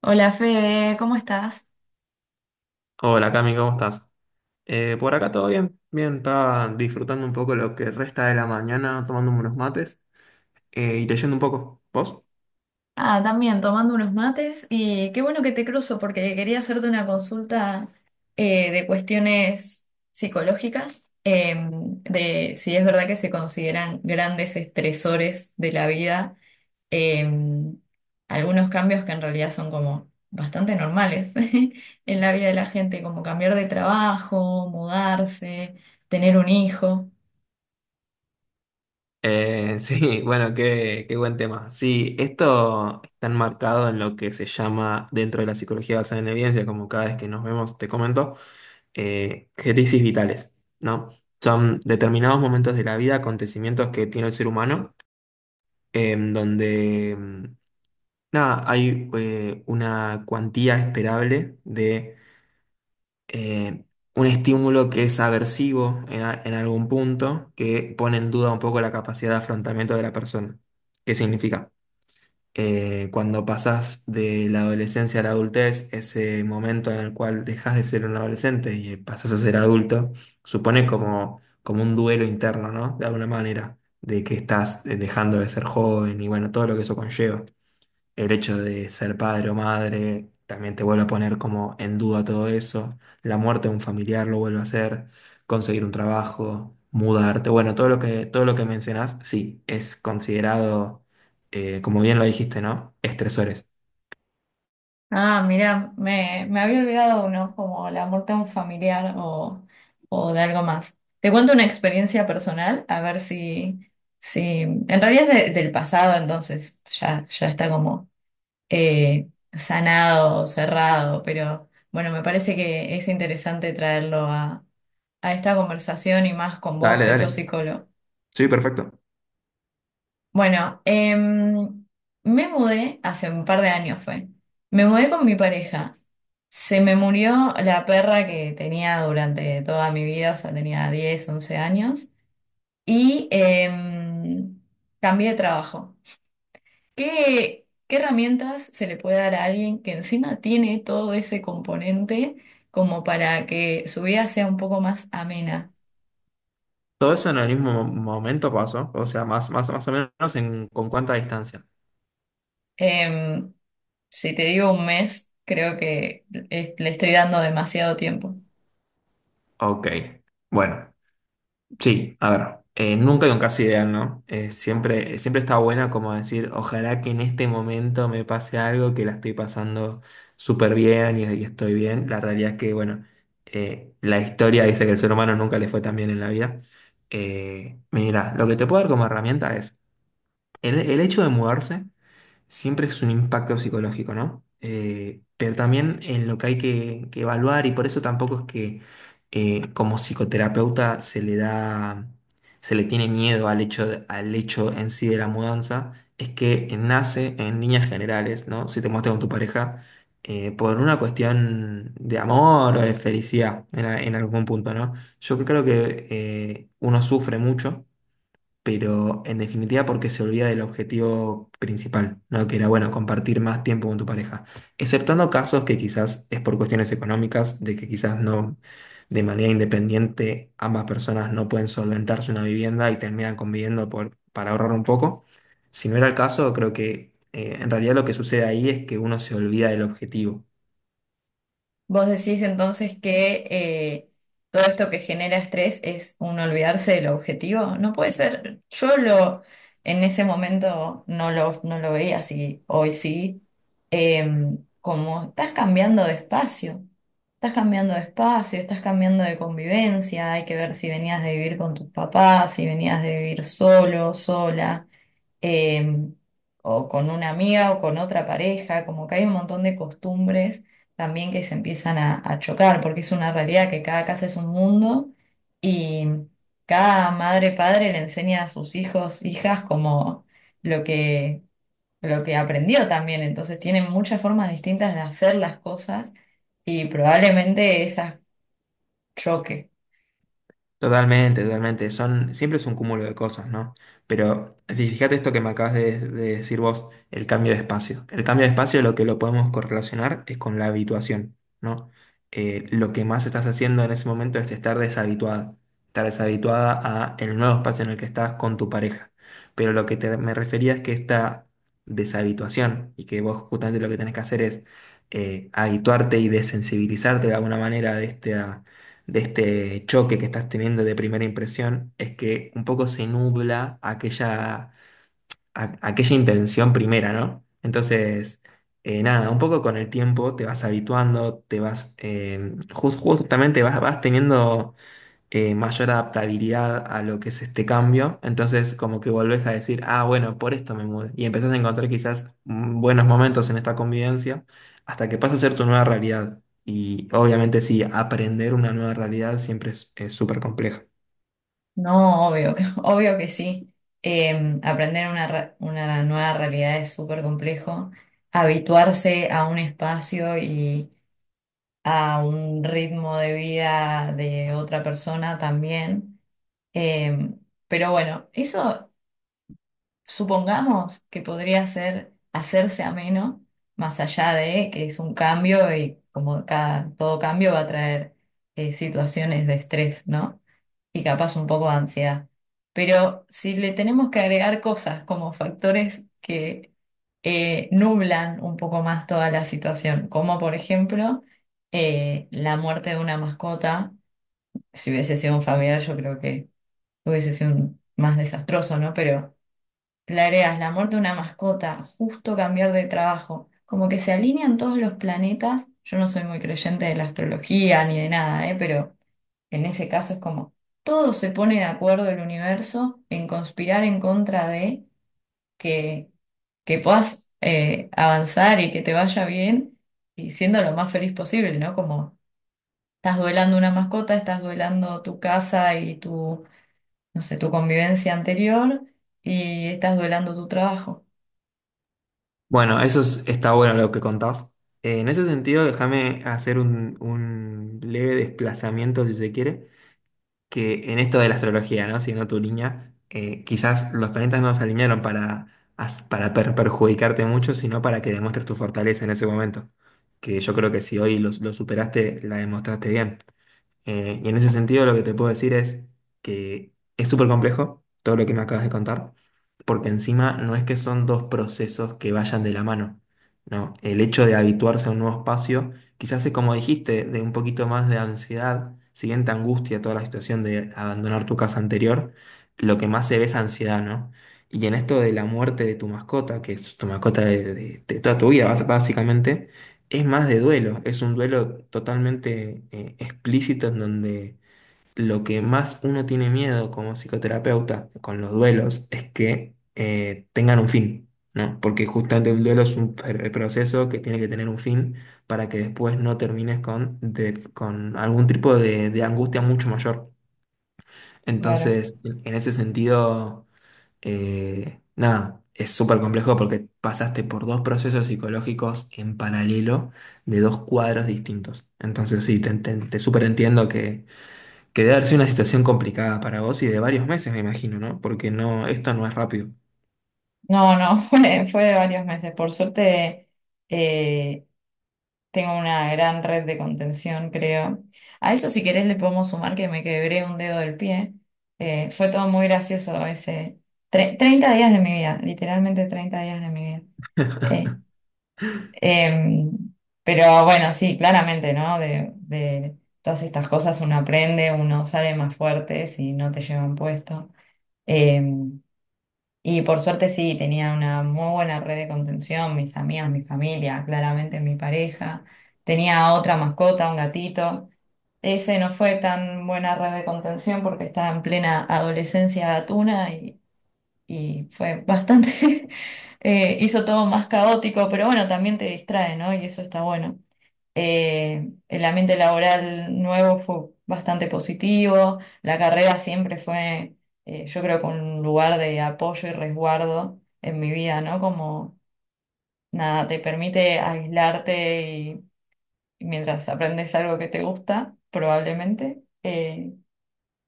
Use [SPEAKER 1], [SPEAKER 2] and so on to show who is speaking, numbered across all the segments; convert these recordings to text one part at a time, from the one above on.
[SPEAKER 1] Hola Fede, ¿cómo estás?
[SPEAKER 2] Hola Cami, ¿cómo estás? Por acá todo bien, bien, estaba disfrutando un poco lo que resta de la mañana, tomándome unos mates y leyendo un poco. ¿Vos?
[SPEAKER 1] Ah, también tomando unos mates y qué bueno que te cruzo porque quería hacerte una consulta, de cuestiones psicológicas, de si es verdad que se consideran grandes estresores de la vida, eh, algunos cambios que en realidad son como bastante normales en la vida de la gente, como cambiar de trabajo, mudarse, tener un hijo.
[SPEAKER 2] Sí, bueno, qué buen tema. Sí, esto está enmarcado en lo que se llama dentro de la psicología basada en evidencia, como cada vez que nos vemos te comento, crisis vitales, ¿no? Son determinados momentos de la vida, acontecimientos que tiene el ser humano, en donde nada, hay una cuantía esperable de eh, un estímulo que es aversivo en algún punto, que pone en duda un poco la capacidad de afrontamiento de la persona. ¿Qué significa? Cuando pasas de la adolescencia a la adultez, ese momento en el cual dejas de ser un adolescente y pasas a ser adulto, supone como, como un duelo interno, ¿no? De alguna manera, de que estás dejando de ser joven y bueno, todo lo que eso conlleva. El hecho de ser padre o madre también te vuelve a poner como en duda todo eso. La muerte de un familiar lo vuelve a hacer. Conseguir un trabajo, mudarte. Bueno, todo lo que mencionás, sí, es considerado, como bien lo dijiste, ¿no? Estresores.
[SPEAKER 1] Ah, mira, me había olvidado uno, como la muerte de un familiar o de algo más. Te cuento una experiencia personal, a ver si, si en realidad es del pasado, entonces ya, ya está como sanado, cerrado, pero bueno, me parece que es interesante traerlo a esta conversación y más con vos
[SPEAKER 2] Dale,
[SPEAKER 1] que sos
[SPEAKER 2] dale.
[SPEAKER 1] psicólogo.
[SPEAKER 2] Sí, perfecto.
[SPEAKER 1] Bueno, me mudé hace un par de años fue. Me mudé con mi pareja. Se me murió la perra que tenía durante toda mi vida, o sea, tenía 10 11 años. Y cambié de trabajo. ¿Qué, qué herramientas se le puede dar a alguien que encima tiene todo ese componente como para que su vida sea un poco más amena?
[SPEAKER 2] Todo eso en el mismo momento pasó. O sea, más, más, más o menos en, con cuánta distancia.
[SPEAKER 1] Em, si te digo un mes, creo que le estoy dando demasiado tiempo.
[SPEAKER 2] Ok. Bueno. Sí, a ver, nunca hay un caso ideal, ¿no? Siempre, siempre está buena como decir, ojalá que en este momento me pase algo, que la estoy pasando súper bien y estoy bien. La realidad es que, bueno, la historia dice que el ser humano nunca le fue tan bien en la vida. Mira, lo que te puedo dar como herramienta es el hecho de mudarse siempre es un impacto psicológico, ¿no? Pero también en lo que hay que evaluar y por eso tampoco es que como psicoterapeuta se le da, se le tiene miedo al hecho, al hecho en sí de la mudanza, es que nace en líneas generales, ¿no? Si te muestras con tu pareja, por una cuestión de amor o de felicidad en algún punto, ¿no? Yo creo que uno sufre mucho pero en definitiva porque se olvida del objetivo principal, ¿no? Que era, bueno, compartir más tiempo con tu pareja. Exceptando casos que quizás es por cuestiones económicas, de que quizás no, de manera independiente, ambas personas no pueden solventarse una vivienda y terminan conviviendo por, para ahorrar un poco. Si no era el caso, creo que en realidad lo que sucede ahí es que uno se olvida del objetivo.
[SPEAKER 1] Vos decís entonces que todo esto que genera estrés es un olvidarse del objetivo. No puede ser. Yo lo en ese momento no lo, no lo veía así. Hoy sí. Como estás cambiando de espacio. Estás cambiando de espacio, estás cambiando de convivencia. Hay que ver si venías de vivir con tus papás, si venías de vivir solo, sola, eh, o con una amiga o con otra pareja, como que hay un montón de costumbres también que se empiezan a chocar, porque es una realidad que cada casa es un mundo y cada madre padre le enseña a sus hijos, hijas, como lo que, lo que aprendió también, entonces tienen muchas formas distintas de hacer las cosas y probablemente esas choque.
[SPEAKER 2] Totalmente, totalmente. Son, siempre es un cúmulo de cosas, ¿no? Pero fíjate esto que me acabas de decir vos, el cambio de espacio. El cambio de espacio lo que lo podemos correlacionar es con la habituación, ¿no? Lo que más estás haciendo en ese momento es estar deshabituada a el nuevo espacio en el que estás con tu pareja. Pero lo que me refería es que esta deshabituación y que vos justamente lo que tenés que hacer es habituarte y desensibilizarte de alguna manera de este choque que estás teniendo de primera impresión es que un poco se nubla aquella, aquella intención primera, ¿no? Entonces, nada, un poco con el tiempo te vas habituando, te vas, justamente vas, vas teniendo mayor adaptabilidad a lo que es este cambio. Entonces, como que volvés a decir, ah, bueno, por esto me mudé. Y empezás a encontrar quizás buenos momentos en esta convivencia hasta que pasa a ser tu nueva realidad. Y obviamente sí, aprender una nueva realidad siempre es súper complejo.
[SPEAKER 1] No, obvio, obvio que sí. Aprender una, una nueva realidad es súper complejo. Habituarse a un espacio y a un ritmo de vida de otra persona también. Eh, pero bueno, eso supongamos que podría ser hacerse ameno, más allá de que es un cambio y como cada, todo cambio va a traer, situaciones de estrés, ¿no? Y capaz un poco de ansiedad. Pero si le tenemos que agregar cosas como factores que nublan un poco más toda la situación, como por ejemplo, la muerte de una mascota, si hubiese sido un familiar yo creo que hubiese sido más desastroso, ¿no? Pero le agregas la muerte de una mascota, justo cambiar de trabajo, como que se alinean todos los planetas. Yo no soy muy creyente de la astrología ni de nada, ¿eh? Pero en ese caso es como todos se pone de acuerdo el universo en conspirar en contra de que, que puedas, avanzar y que te vaya bien y siendo lo más feliz posible, ¿no? Como estás duelando una mascota, estás duelando tu casa y tu, no sé, tu convivencia anterior y estás duelando tu trabajo.
[SPEAKER 2] Bueno, está bueno lo que contás. En ese sentido, déjame hacer un leve desplazamiento, si se quiere, que en esto de la astrología, ¿no? Siendo tu línea, quizás los planetas no se alinearon para, perjudicarte mucho, sino para que demuestres tu fortaleza en ese momento. Que yo creo que si hoy lo superaste, la demostraste bien. Y en ese sentido, lo que te puedo decir es que es súper complejo todo lo que me acabas de contar, porque encima no es que son dos procesos que vayan de la mano, ¿no? El hecho de habituarse a un nuevo espacio quizás es como dijiste, de un poquito más de ansiedad, si bien te angustia toda la situación de abandonar tu casa anterior, lo que más se ve es ansiedad, ¿no? Y en esto de la muerte de tu mascota, que es tu mascota de toda tu vida, básicamente, es más de duelo, es un duelo totalmente explícito en donde lo que más uno tiene miedo como psicoterapeuta con los duelos es que tengan un fin, ¿no? Porque justamente el duelo es un proceso que tiene que tener un fin para que después no termines con algún tipo de angustia mucho mayor.
[SPEAKER 1] Claro.
[SPEAKER 2] Entonces, en ese sentido, nada, es súper complejo porque pasaste por dos procesos psicológicos en paralelo de dos cuadros distintos. Entonces, sí, te súper entiendo que debe haber sido una situación complicada para vos y de varios meses, me imagino, ¿no? Porque no, esto no es rápido.
[SPEAKER 1] No, no, fue, fue de varios meses. Por suerte, eh, tengo una gran red de contención, creo. A eso, si querés, le podemos sumar que me quebré un dedo del pie. Fue todo muy gracioso ese. 30 días de mi vida, literalmente 30 días de mi vida. Eh, em, pero bueno, sí, claramente, ¿no? De todas estas cosas uno aprende, uno sale más fuerte si no te llevan puesto. Em, y por suerte sí, tenía una muy buena red de contención, mis amigas, mi familia, claramente mi pareja. Tenía otra mascota, un gatito. Ese no fue tan buena red de contención porque estaba en plena adolescencia gatuna y fue bastante, hizo todo más caótico, pero bueno, también te distrae, ¿no? Y eso está bueno. El ambiente laboral nuevo fue bastante positivo. La carrera siempre fue, yo creo que un lugar de apoyo y resguardo en mi vida, ¿no? Como nada, te permite aislarte y mientras aprendes algo que te gusta, probablemente,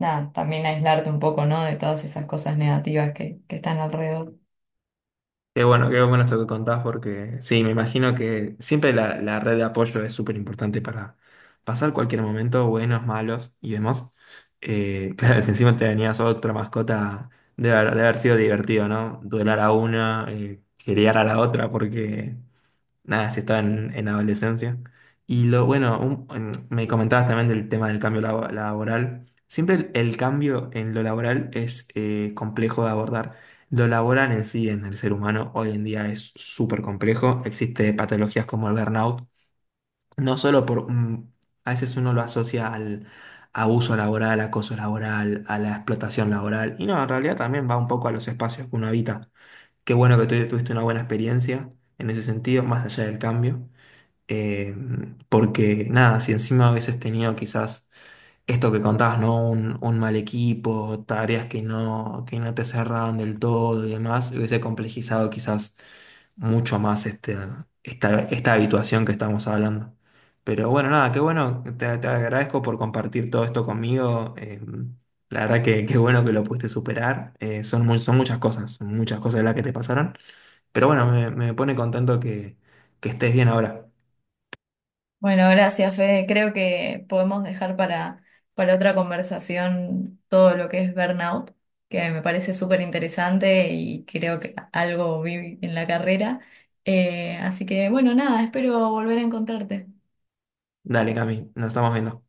[SPEAKER 1] nada, también aislarte un poco, ¿no? De todas esas cosas negativas que están alrededor.
[SPEAKER 2] Qué bueno esto que contás, porque sí, me imagino que siempre la red de apoyo es súper importante para pasar cualquier momento, buenos, malos y demás. Claro, si encima te tenías otra mascota, debe haber sido divertido, ¿no? Duelar a una, criar a la otra, porque nada, si estaba en adolescencia. Y lo bueno, me comentabas también del tema del cambio laboral. Siempre el cambio en lo laboral es complejo de abordar. Lo laboral en sí, en el ser humano, hoy en día es súper complejo. Existe patologías como el burnout, no solo por... a veces uno lo asocia al abuso laboral, acoso laboral, a la explotación laboral. Y no, en realidad también va un poco a los espacios que uno habita. Qué bueno que tú tuviste una buena experiencia en ese sentido, más allá del cambio. Eh, Porque nada, si encima hubieses tenido quizás esto que contabas, ¿no? Un mal equipo, tareas que no te cerraban del todo y demás, hubiese complejizado quizás mucho más este, esta habituación que estamos hablando. Pero bueno, nada, qué bueno, te agradezco por compartir todo esto conmigo. La verdad que qué bueno que lo pudiste superar. Son, son muchas cosas las que te pasaron. Pero bueno, me pone contento que estés bien ahora.
[SPEAKER 1] Bueno, gracias, Fede. Creo que podemos dejar para otra conversación todo lo que es burnout, que me parece súper interesante y creo que algo vi en la carrera. Así que, bueno, nada, espero volver a encontrarte.
[SPEAKER 2] Dale, Cami, nos estamos viendo.